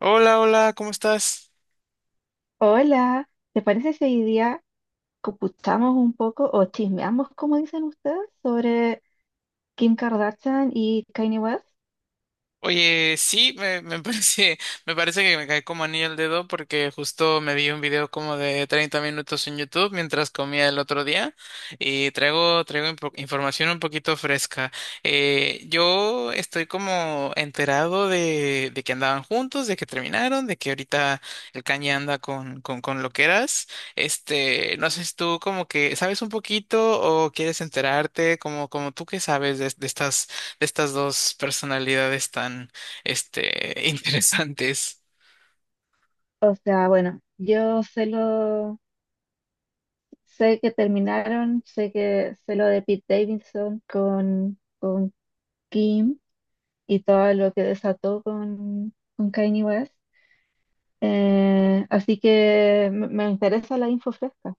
Hola, hola, ¿cómo estás? Hola, ¿te parece si hoy día computamos un poco o chismeamos, como dicen ustedes, sobre Kim Kardashian y Kanye West? Oye, sí, me parece que me caí como anillo al dedo porque justo me vi un video como de 30 minutos en YouTube mientras comía el otro día y traigo información un poquito fresca. Yo estoy como enterado de que andaban juntos, de que terminaron, de que ahorita el Kanye anda con loqueras. Este, no sé si tú como que sabes un poquito o quieres enterarte, como, como tú que sabes de estas estas dos personalidades tan, este, interesantes. O sea, bueno, yo sé lo, sé que terminaron, sé que sé lo de Pete Davidson con Kim y todo lo que desató con Kanye West. Así que me interesa la info fresca.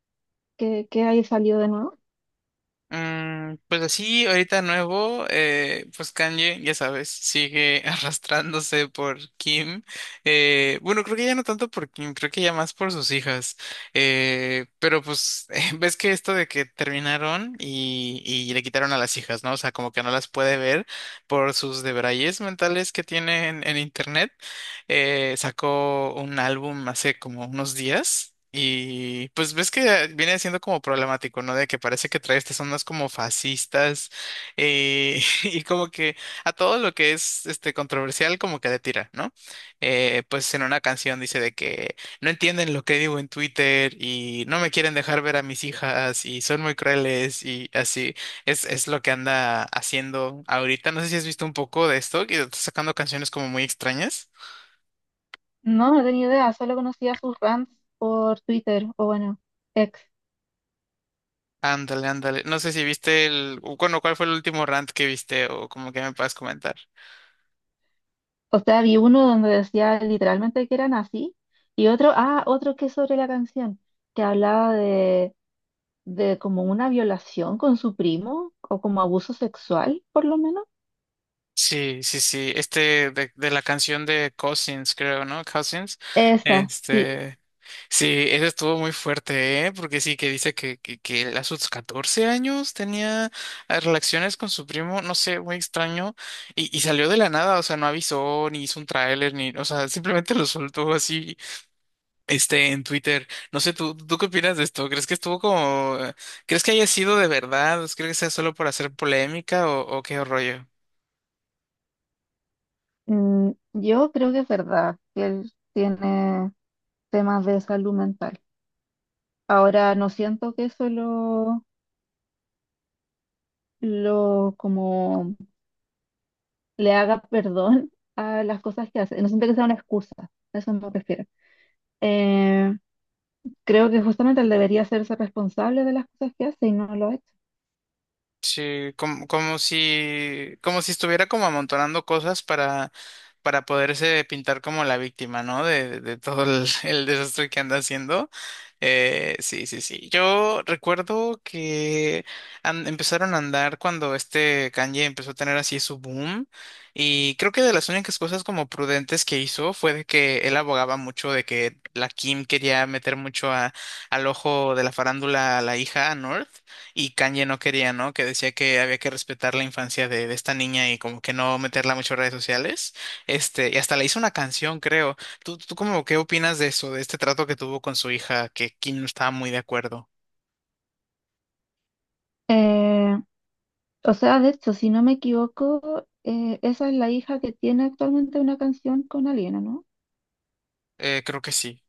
Qué hay salido de nuevo? Pues así, ahorita nuevo, pues Kanye, ya sabes, sigue arrastrándose por Kim. Bueno, creo que ya no tanto por Kim, creo que ya más por sus hijas. Pero pues, ves que esto de que terminaron y le quitaron a las hijas, ¿no? O sea, como que no las puede ver por sus debrayes mentales que tienen en internet. Sacó un álbum hace como unos días y pues ves que viene siendo como problemático, ¿no? De que parece que trae estas ondas como fascistas, y como que a todo lo que es este controversial como que le tira, ¿no? Pues en una canción dice de que no entienden lo que digo en Twitter y no me quieren dejar ver a mis hijas y son muy crueles y así es lo que anda haciendo ahorita. No sé si has visto un poco de esto, que está sacando canciones como muy extrañas. No tenía idea, solo conocía sus rants por Twitter, o bueno, ex. Ándale, ándale. No sé si viste el, o bueno, ¿cuál fue el último rant que viste o como que me puedas comentar? O sea, vi uno donde decía literalmente que eran así, y otro, ah, otro que es sobre la canción, que hablaba de como una violación con su primo, o como abuso sexual, por lo menos. Sí, sí, sí. Este de la canción de Cousins, creo, ¿no? Cousins. Esa, sí. Este, sí, ese estuvo muy fuerte, ¿eh? Porque sí, que dice que él a sus 14 años tenía relaciones con su primo, no sé, muy extraño. Y salió de la nada, o sea, no avisó, ni hizo un tráiler, ni, o sea, simplemente lo soltó así este, en Twitter. No sé, ¿tú qué opinas de esto? ¿Crees que estuvo como ¿crees que haya sido de verdad? ¿Crees que sea solo por hacer polémica o qué rollo? Yo creo que es verdad que él tiene temas de salud mental. Ahora, no siento que eso lo como le haga perdón a las cosas que hace. No siento que sea una excusa, a eso me refiero. Eh, creo que justamente él debería hacerse responsable de las cosas que hace y no lo ha hecho. Sí, como, como si estuviera como amontonando cosas para poderse pintar como la víctima, ¿no? De todo el, el desastre que anda haciendo. Sí, sí, sí. Yo recuerdo que empezaron a andar cuando este Kanye empezó a tener así su boom. Y creo que de las únicas cosas como prudentes que hizo fue de que él abogaba mucho de que la Kim quería meter mucho al ojo de la farándula a la hija, a North, y Kanye no quería, ¿no? Que decía que había que respetar la infancia de esta niña y como que no meterla mucho en redes sociales. Este, y hasta le hizo una canción, creo. ¿Tú cómo, qué opinas de eso, de este trato que tuvo con su hija, que Kim no estaba muy de acuerdo? Eh, o sea, de hecho, si no me equivoco, esa es la hija que tiene actualmente una canción con Aliena, ¿no? Creo que sí.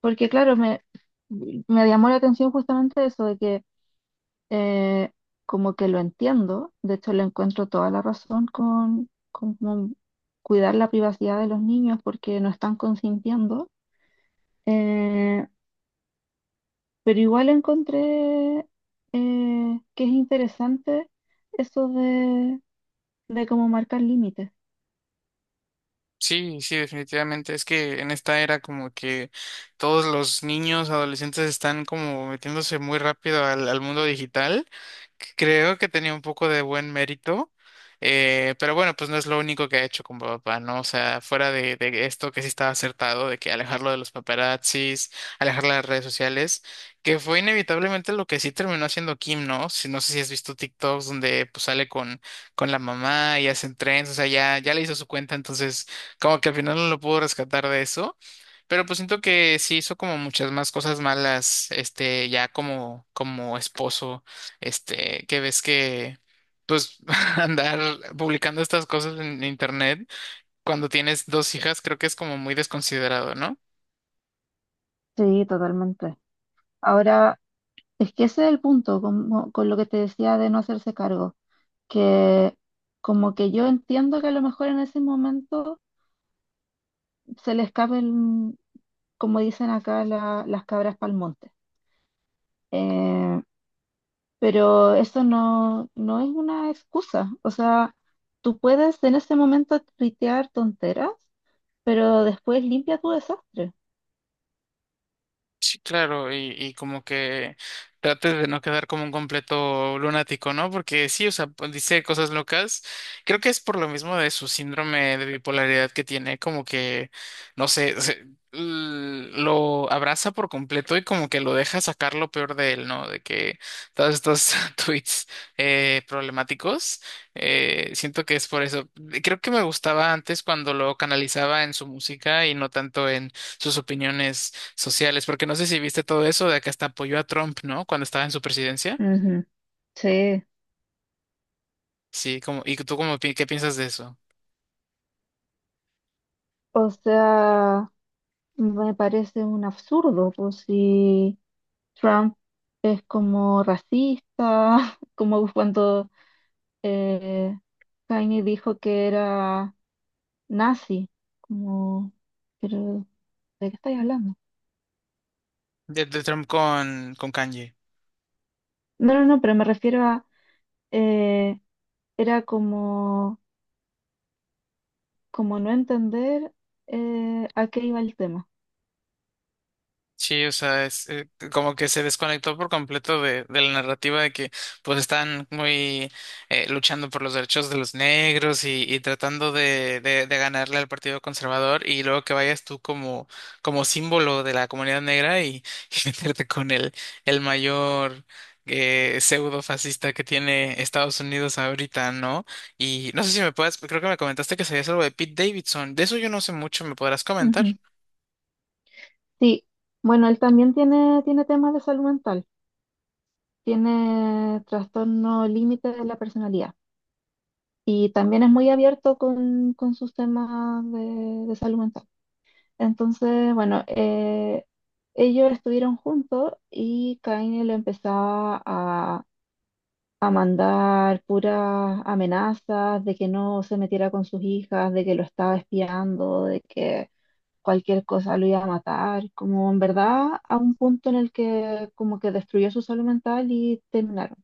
Porque claro, me llamó la atención justamente eso de que eh, como que lo entiendo, de hecho le encuentro toda la razón con como cuidar la privacidad de los niños porque no están consintiendo. Eh, pero igual encontré que es interesante eso de cómo marcar límites. Sí, sí, definitivamente. Es que en esta era como que todos los niños, adolescentes están como metiéndose muy rápido al mundo digital. Creo que tenía un poco de buen mérito, pero bueno, pues no es lo único que ha hecho con papá, ¿no? O sea, fuera de esto que sí estaba acertado, de que alejarlo de los paparazzis, alejar las redes sociales, que fue inevitablemente lo que sí terminó haciendo Kim, ¿no? Si, no sé si has visto TikToks donde pues sale con la mamá y hacen trends, o sea, ya, ya le hizo su cuenta, entonces como que al final no lo pudo rescatar de eso. Pero pues siento que sí hizo como muchas más cosas malas, este, ya como, como esposo, este, que ves que, pues, andar publicando estas cosas en internet cuando tienes dos hijas, creo que es como muy desconsiderado, ¿no? Sí, totalmente. Ahora, es que ese es el punto, como, con lo que te decía de no hacerse cargo, que como que yo entiendo que a lo mejor en ese momento se le escapen, como dicen acá, las cabras para monte. Eh, pero eso no es una excusa. O sea, tú puedes en ese momento tuitear tonteras, pero después limpia tu desastre. Sí, claro, y como que trates de no quedar como un completo lunático, ¿no? Porque sí, o sea, pues, dice cosas locas. Creo que es por lo mismo de su síndrome de bipolaridad que tiene, como que, no sé, lo abraza por completo y como que lo deja sacar lo peor de él, ¿no? De que todos estos tweets problemáticos, siento que es por eso. Creo que me gustaba antes cuando lo canalizaba en su música y no tanto en sus opiniones sociales, porque no sé si viste todo eso de que hasta apoyó a Trump, ¿no? Cuando estaba en su presidencia. Ujú. Sí. Sí, como, ¿y tú cómo, qué piensas de eso? O sea, me parece un absurdo, pues si Trump es como racista, como cuando eh, Kanye dijo que era nazi, como, pero ¿de qué estáis hablando? De Trump con Kanye. No, pero me refiero a, eh, era como, como no entender a qué iba el tema. Sí, o sea, es como que se desconectó por completo de la narrativa de que pues están muy luchando por los derechos de los negros y tratando de ganarle al Partido Conservador y luego que vayas tú como, como símbolo de la comunidad negra y, y meterte con el mayor pseudo fascista que tiene Estados Unidos ahorita, ¿no? Y no sé si me puedes, creo que me comentaste que sabías algo de Pete Davidson, de eso yo no sé mucho, ¿me podrás comentar? Ujú. Sí, bueno, él también tiene temas de salud mental, tiene trastorno límite de la personalidad y también es muy abierto con sus temas de salud mental. Entonces, bueno, ellos estuvieron juntos y Kanye le empezaba a mandar puras amenazas de que no se metiera con sus hijas, de que lo estaba espiando, de que cualquier cosa lo iba a matar, como en verdad a un punto en el que como que destruyó su salud mental y terminaron.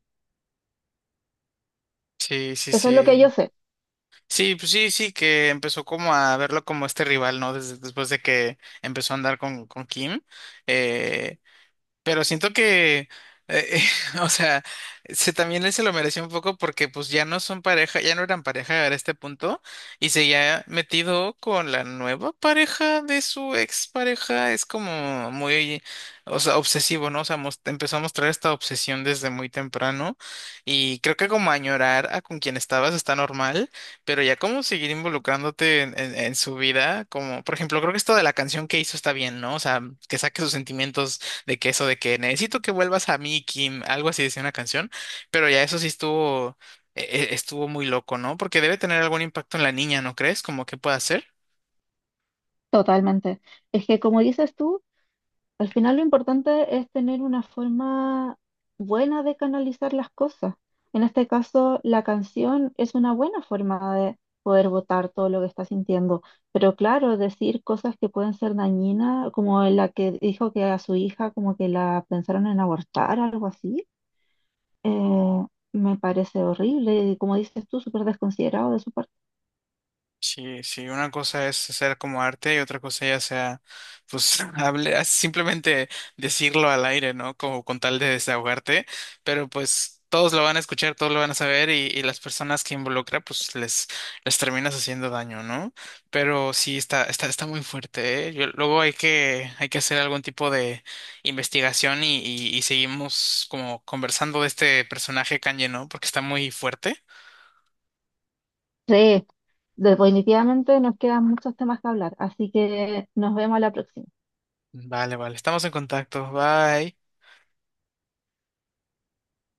Sí, sí, Eso es lo que yo sí. sé. Sí, pues sí, sí, que empezó como a verlo como este rival, ¿no? Desde, después de que empezó a andar con Kim. Eh, pero siento que, eh, o sea, se, también él se lo mereció un poco porque pues ya no son pareja, ya no eran pareja a este punto y se ya metido con la nueva pareja de su ex pareja. Es como muy, o sea, obsesivo, ¿no? O sea, empezó a mostrar esta obsesión desde muy temprano y creo que como añorar a con quien estabas está normal, pero ya como seguir involucrándote en, en su vida, como por ejemplo, creo que esto de la canción que hizo está bien, ¿no? O sea, que saque sus sentimientos de que eso de que necesito que vuelvas a mí, Kim, algo así decía una canción, pero ya eso sí estuvo, estuvo muy loco, ¿no? Porque debe tener algún impacto en la niña, ¿no crees? Como que pueda hacer. Totalmente. Es que como dices tú, al final lo importante es tener una forma buena de canalizar las cosas. En este caso, la canción es una buena forma de poder botar todo lo que está sintiendo. Pero claro, decir cosas que pueden ser dañinas, como la que dijo que a su hija como que la pensaron en abortar, algo así, eh, me parece horrible. Y como dices tú, súper desconsiderado de su parte. Sí, sí, una cosa es hacer como arte y otra cosa ya sea, pues, hable, ah, simplemente decirlo al aire, ¿no? Como con tal de desahogarte, pero pues todos lo van a escuchar, todos lo van a saber y las personas que involucra, pues les terminas haciendo daño, ¿no? Pero sí, está muy fuerte, ¿eh? Luego hay que hacer algún tipo de investigación y seguimos como conversando de este personaje Kanye, ¿no? Porque está muy fuerte. Sí, definitivamente nos quedan muchos temas que hablar. Así que nos vemos a la próxima. Vale, vale, estamos en contacto, bye.